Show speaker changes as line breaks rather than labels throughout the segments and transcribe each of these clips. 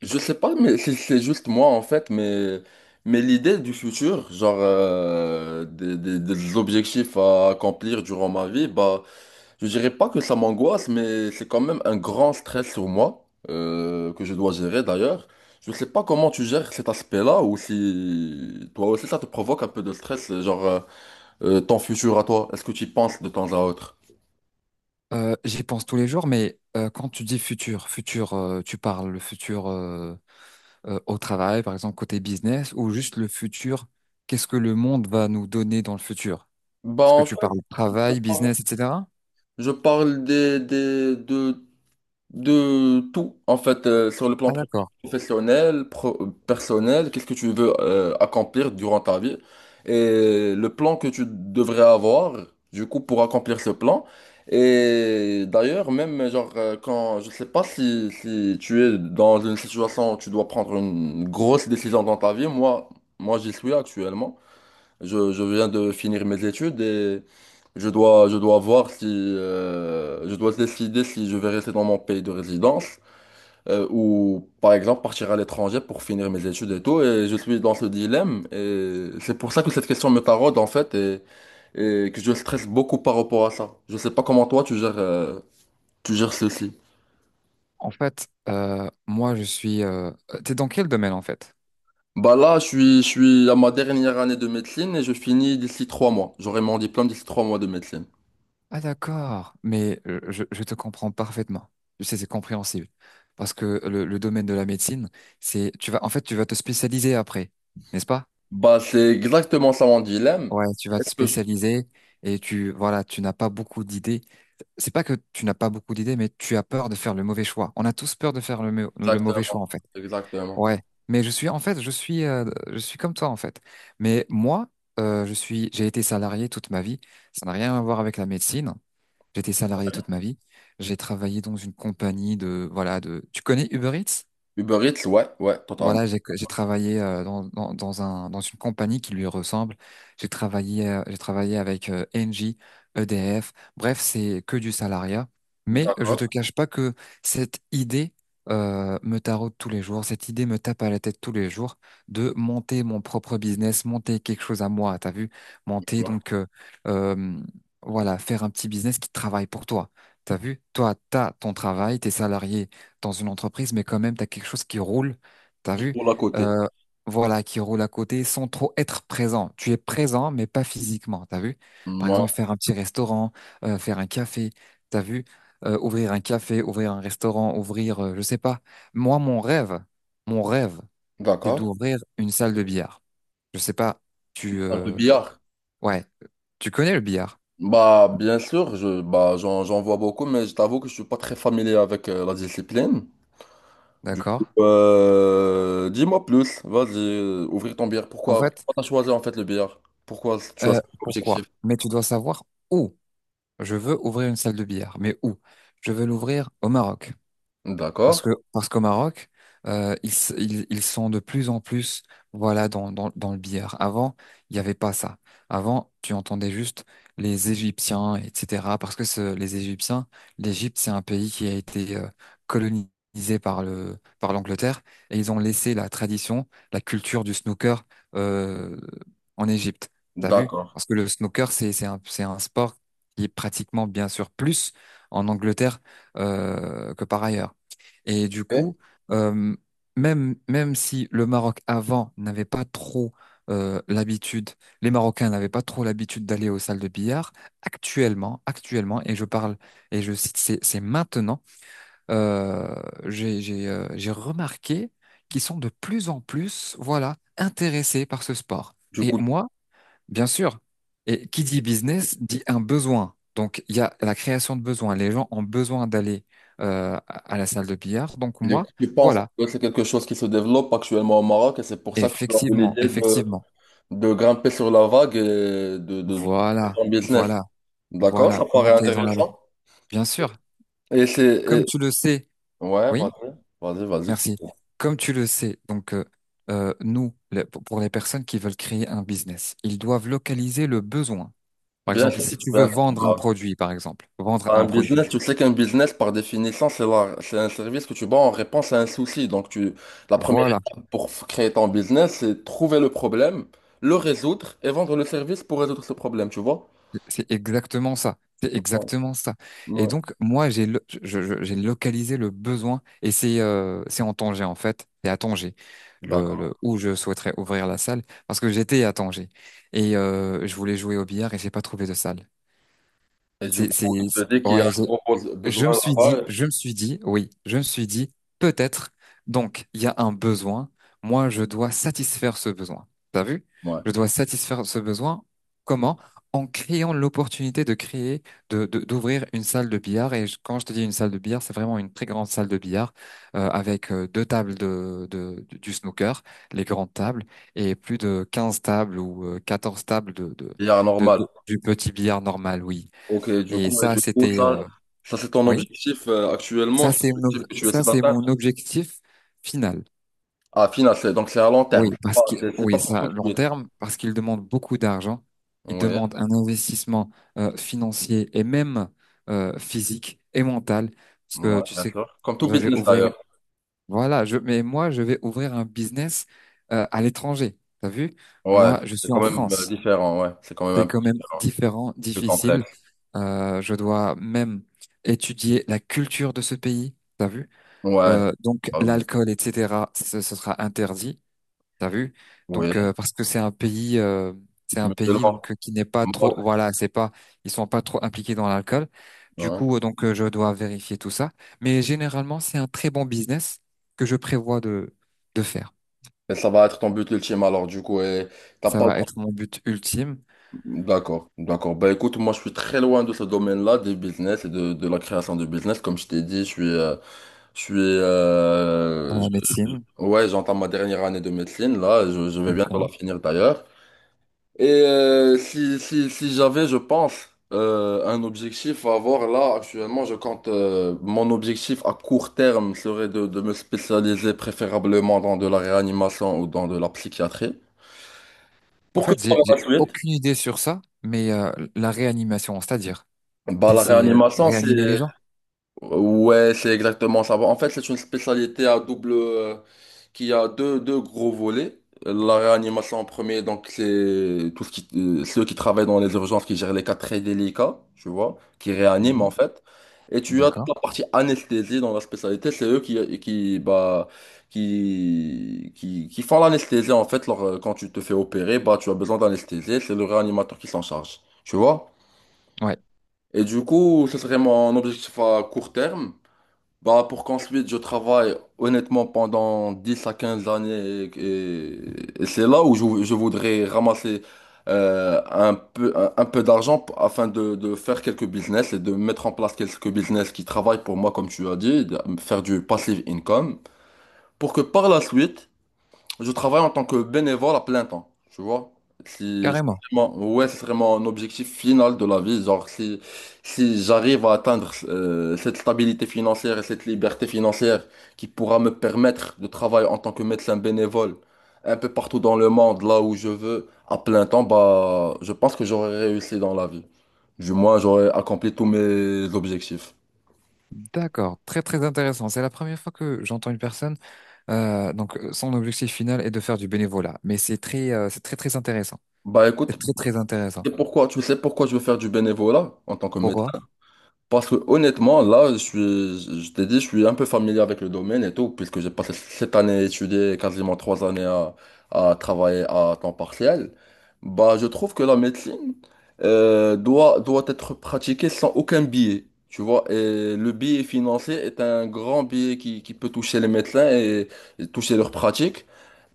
Je sais pas, mais c'est juste moi en fait, mais, l'idée du futur, genre des objectifs à accomplir durant ma vie, bah, je dirais pas que ça m'angoisse, mais c'est quand même un grand stress sur moi, que je dois gérer d'ailleurs. Je sais pas comment tu gères cet aspect-là, ou si toi aussi ça te provoque un peu de stress, genre ton futur à toi, est-ce que tu y penses de temps à autre?
J'y pense tous les jours, mais quand tu dis futur, futur, tu parles le futur au travail, par exemple côté business, ou juste le futur, qu'est-ce que le monde va nous donner dans le futur?
Bah
Est-ce que
en
tu
fait,
parles travail, business, etc.?
je parle de tout, en fait, sur le plan
Ah d'accord.
professionnel, personnel, qu'est-ce que tu veux accomplir durant ta vie et le plan que tu devrais avoir, du coup, pour accomplir ce plan. Et d'ailleurs, même, genre, quand, je sais pas si tu es dans une situation où tu dois prendre une grosse décision dans ta vie, moi, j'y suis actuellement. Je viens de finir mes études et je dois voir si je dois décider si je vais rester dans mon pays de résidence ou par exemple partir à l'étranger pour finir mes études et tout. Et je suis dans ce dilemme et c'est pour ça que cette question me taraude en fait et que je stresse beaucoup par rapport à ça. Je sais pas comment toi tu gères ceci.
En fait, moi je suis. T'es dans quel domaine en fait?
Bah là, je suis à ma dernière année de médecine et je finis d'ici 3 mois. J'aurai mon diplôme d'ici 3 mois de médecine.
Ah d'accord, mais je te comprends parfaitement. Je sais, c'est compréhensible. Parce que le domaine de la médecine, en fait, tu vas te spécialiser après, n'est-ce pas?
Bah, c'est exactement ça mon dilemme.
Ouais, tu vas te
Est-ce que je-
spécialiser et tu, voilà, tu n'as pas beaucoup d'idées. C'est pas que tu n'as pas beaucoup d'idées, mais tu as peur de faire le mauvais choix. On a tous peur de faire le mauvais
Exactement.
choix, en fait.
Exactement.
Ouais. Mais je suis, en fait, je suis comme toi, en fait. Mais moi, j'ai été salarié toute ma vie. Ça n'a rien à voir avec la médecine. J'étais salarié toute ma vie. J'ai travaillé dans une compagnie voilà, tu connais Uber Eats?
Uber Eats, ouais, ouais, totalement.
Voilà, j'ai travaillé dans une compagnie qui lui ressemble. J'ai travaillé avec Engie, EDF. Bref, c'est que du salariat. Mais je
D'accord.
te cache pas que cette idée me taraude tous les jours. Cette idée me tape à la tête tous les jours de monter mon propre business, monter quelque chose à moi. T'as vu? Monter
Ouais.
donc euh, voilà, faire un petit business qui travaille pour toi. T'as vu? Toi, t'as ton travail, t'es salarié dans une entreprise, mais quand même, t'as quelque chose qui roule. T'as
Qui
vu?
pour l'à côté.
Euh, voilà, qui roule à côté sans trop être présent. Tu es présent, mais pas physiquement. T'as vu? Par
Ouais,
exemple, faire un petit restaurant, faire un café. T'as vu? Ouvrir un café, ouvrir un restaurant, je sais pas. Moi, mon rêve, c'est
d'accord.
d'ouvrir une salle de billard. Je sais pas. Tu,
Ah, le
euh,
billard.
ouais, tu connais le billard,
Bah, bien sûr, bah, j'en vois beaucoup, mais je t'avoue que je suis pas très familier avec la discipline. Du coup,
d'accord?
dis-moi plus. Vas-y, ouvrir ton billard.
En
Pourquoi,
fait,
pourquoi t'as choisi en fait le billard? Pourquoi tu as cet objectif?
pourquoi? Mais tu dois savoir où. Je veux ouvrir une salle de billard, mais où? Je veux l'ouvrir au Maroc. Parce
D'accord.
que, parce qu'au Maroc, ils sont de plus en plus, voilà, dans le billard. Avant, il n'y avait pas ça. Avant, tu entendais juste les Égyptiens, etc. Parce que les Égyptiens, l'Égypte, c'est un pays qui a été colonisé par l'Angleterre et ils ont laissé la tradition, la culture du snooker euh, en Égypte. T'as vu?
D'accord.
Parce que le snooker, c'est un sport qui est pratiquement, bien sûr, plus en Angleterre que par ailleurs. Et du
Ok.
coup, euh, même si le Maroc avant n'avait pas trop l'habitude, les Marocains n'avaient pas trop l'habitude d'aller aux salles de billard, actuellement, actuellement, et je parle, et je cite, c'est maintenant, euh, j'ai remarqué qu'ils sont de plus en plus, voilà, intéressés par ce sport.
Du
Et
coup,
moi, bien sûr. Et qui dit business dit un besoin. Donc, il y a la création de besoins. Les gens ont besoin d'aller à la salle de billard. Donc,
Et Du
moi,
coup, tu penses
voilà.
que c'est quelque chose qui se développe actuellement au Maroc et c'est pour ça que tu as eu
Effectivement,
l'idée
effectivement.
de grimper sur la vague et de créer
Voilà,
ton business.
voilà,
D'accord, ça
voilà.
paraît
Monter dans la...
intéressant.
Bien sûr.
Et c'est...
Comme
et-
tu le sais,
Ouais,
oui,
vas-y, vas-y,
merci.
vas-y.
Comme tu le sais, donc, nous, le- pour les personnes qui veulent créer un business, ils doivent localiser le besoin. Par
Bien
exemple,
sûr,
si tu veux
bien sûr.
vendre un
Bah,
produit, par exemple, vendre
un
un produit.
business, tu sais qu'un business, par définition, c'est un service que tu vends en réponse à un souci. Donc, la première
Voilà.
étape pour créer ton business, c'est trouver le problème, le résoudre et vendre le service pour résoudre ce problème, tu vois?
C'est exactement ça. C'est
Ouais.
exactement ça. Et
Ouais.
donc, moi, j'ai lo- je- j'ai localisé le besoin et c'est en Tanger, en fait. C'est à Tanger
D'accord.
où je souhaiterais ouvrir la salle parce que j'étais à Tanger et je voulais jouer au billard et j'ai pas trouvé de salle.
Et du coup, il te dit qu'il y a
Ouais,
un gros
je me
besoin
suis
là-bas.
dit, je me suis dit, oui, je me suis dit, peut-être. Donc, il y a un besoin. Moi, je dois satisfaire ce besoin. T'as vu?
Ouais.
Je dois satisfaire ce besoin. Comment? En créant l'opportunité de créer, d'ouvrir une salle de billard. Quand je te dis une salle de billard, c'est vraiment une très grande salle de billard avec deux tables du snooker, les grandes tables, et plus de 15 tables ou 14 tables de, de,
Il y a un
de-
normal.
de- du petit billard normal, oui.
Ok, du
Et
coup, et
ça,
du coup,
c'était,
ça, ça c'est ton
oui.
objectif actuellement,
Ça,
c'est
c'est mon,
l'objectif
ob-
que tu essaies
ça, c'est
d'atteindre.
mon objectif final.
Ah, final, c'est donc c'est à long terme.
Oui,
Ah,
parce que,
c'est pas
oui,
pour tout
ça,
de
long
suite.
terme, parce qu'il demande beaucoup d'argent. Il
Oui,
demande un investissement financier et même physique et mental. Parce que
ouais,
tu
bien
sais,
sûr. Comme tout
je vais
business
ouvrir,
d'ailleurs.
voilà, mais moi, je vais ouvrir un business à l'étranger. T'as vu?
Ouais,
Moi, je
c'est
suis
quand
en
même
France.
différent, ouais. C'est quand même
C'est
un peu
quand même
différent,
différent,
plus
difficile.
complexe.
Je dois même étudier la culture de ce pays. T'as vu?
Ouais,
Donc
euh,
l'alcool, etc., ce sera interdit, t'as vu?
oui,
Donc parce que c'est un pays
mutuellement.
donc qui n'est pas
Moi,
trop, voilà, c'est pas, ils sont pas trop impliqués dans l'alcool. Du
ouais.
coup, je dois vérifier tout ça. Mais généralement, c'est un très bon business que je prévois de faire.
Et ça va être ton but ultime alors, du coup. Et t'as
Ça
pas
va être mon but ultime
D'accord, d'accord. Bah écoute, moi je suis très loin de ce domaine-là, des business et de la création de business. Comme je t'ai dit, je suis,
dans
euh,
la médecine.
ouais, j'entends ma dernière année de médecine là. Je vais
Donc,
bientôt la
hein.
finir d'ailleurs. Et si j'avais, je pense, un objectif à avoir là actuellement, je compte. Mon objectif à court terme serait de me spécialiser préférablement dans de la réanimation ou dans de la psychiatrie.
En
Pour que
fait,
par
j'ai
la suite,
aucune idée sur ça, mais la réanimation, c'est-à-dire,
bah,
c'est
la
c'est, euh,
réanimation,
réanimer les
c'est
gens.
Ouais, c'est exactement ça. En fait, c'est une spécialité à double qui a deux gros volets. La réanimation en premier, donc c'est tout ceux qui travaillent dans les urgences, qui gèrent les cas très délicats, tu vois, qui réaniment en
Mhm.
fait. Et tu as toute
D'accord.
la partie anesthésie dans la spécialité, c'est eux qui, bah, qui font l'anesthésie en fait. Lors, quand tu te fais opérer, bah, tu as besoin d'anesthésie, c'est le réanimateur qui s'en charge, tu vois.
Ouais,
Et du coup, ce serait mon objectif à court terme. Bah, pour qu'ensuite je travaille honnêtement pendant 10 à 15 années et c'est là où je voudrais ramasser un peu d'argent afin de faire quelques business et de mettre en place quelques business qui travaillent pour moi comme tu as dit, de faire du passive income pour que par la suite je travaille en tant que bénévole à plein temps, tu vois. Si
carrément.
ouais, c'est vraiment un objectif final de la vie. Genre, si j'arrive à atteindre cette stabilité financière et cette liberté financière qui pourra me permettre de travailler en tant que médecin bénévole un peu partout dans le monde, là où je veux, à plein temps, bah, je pense que j'aurai réussi dans la vie. Du moins, j'aurai accompli tous mes objectifs.
D'accord, très très intéressant. C'est la première fois que j'entends une personne, donc, son objectif final est de faire du bénévolat, mais c'est très très intéressant.
Bah écoute,
C'est très très intéressant.
c'est pourquoi, tu sais pourquoi je veux faire du bénévolat en tant que
Pourquoi?
médecin? Parce que honnêtement, là, je t'ai dit, je suis un peu familier avec le domaine et tout, puisque j'ai passé cette année à étudier, quasiment 3 années à, travailler à temps partiel. Bah, je trouve que la médecine doit être pratiquée sans aucun biais, tu vois. Et le biais financier est un grand biais qui peut toucher les médecins et toucher leur pratique.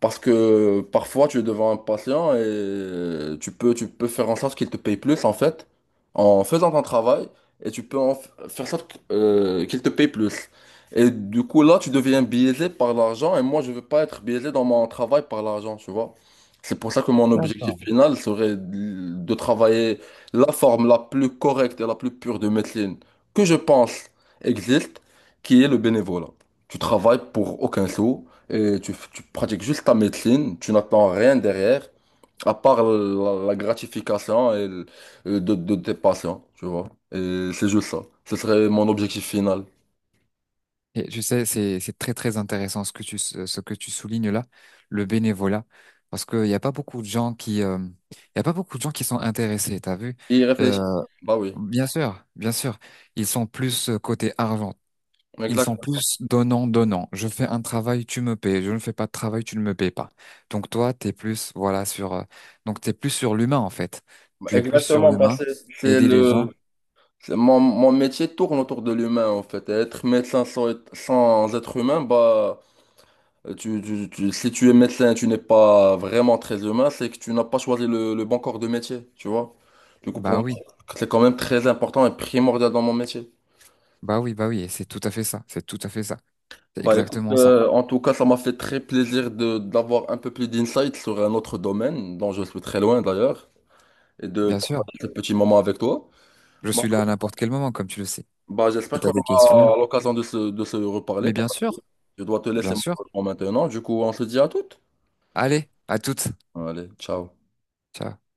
Parce que parfois tu es devant un patient et tu peux faire en sorte qu'il te paye plus en fait, en faisant ton travail, et tu peux en faire en sorte qu'il te paye plus. Et du coup là tu deviens biaisé par l'argent et moi je veux pas être biaisé dans mon travail par l'argent, tu vois. C'est pour ça que mon objectif
D'accord.
final serait de travailler la forme la plus correcte et la plus pure de médecine que je pense existe, qui est le bénévolat. Tu travailles pour aucun sou et tu pratiques juste ta médecine, tu n'attends rien derrière, à part la gratification et de tes patients, tu vois. Et c'est juste ça. Ce serait mon objectif final.
Et tu sais, c'est très très intéressant ce que tu soulignes là, le bénévolat, parce qu'il n'y a pas beaucoup de gens qui, il y a pas beaucoup de gens qui sont intéressés. T'as vu?
Y
Euh,
réfléchir. Bah oui,
Bien sûr, bien sûr, ils sont plus côté argent. Ils
exact
sont plus donnant, donnant. Je fais un travail, tu me payes. Je ne fais pas de travail, tu ne me payes pas. Donc toi, t'es plus, voilà, donc t'es plus sur l'humain, en fait. Tu es plus sur
Exactement, bah
l'humain,
c'est
aider les gens.
le. Mon métier tourne autour de l'humain, en fait. Et être médecin sans, sans être humain, bah. Si tu es médecin et tu n'es pas vraiment très humain, c'est que tu n'as pas choisi le bon corps de métier, tu vois. Du coup, pour
Bah
moi,
oui,
c'est quand même très important et primordial dans mon métier.
bah oui, bah oui. Et c'est tout à fait ça. C'est tout à fait ça. C'est
Bah écoute,
exactement ça.
en tout cas, ça m'a fait très plaisir de d'avoir un peu plus d'insight sur un autre domaine, dont je suis très loin d'ailleurs, et de
Bien sûr.
partager ce petit moment avec toi.
Je
Bah,
suis là à n'importe quel moment, comme tu le sais. Si
j'espère
t'as
qu'on
des questions,
aura l'occasion de se reparler.
mais bien sûr,
Je dois te laisser
bien sûr.
maintenant. Du coup, on se dit à toutes.
Allez, à toutes.
Allez, ciao.
Ciao.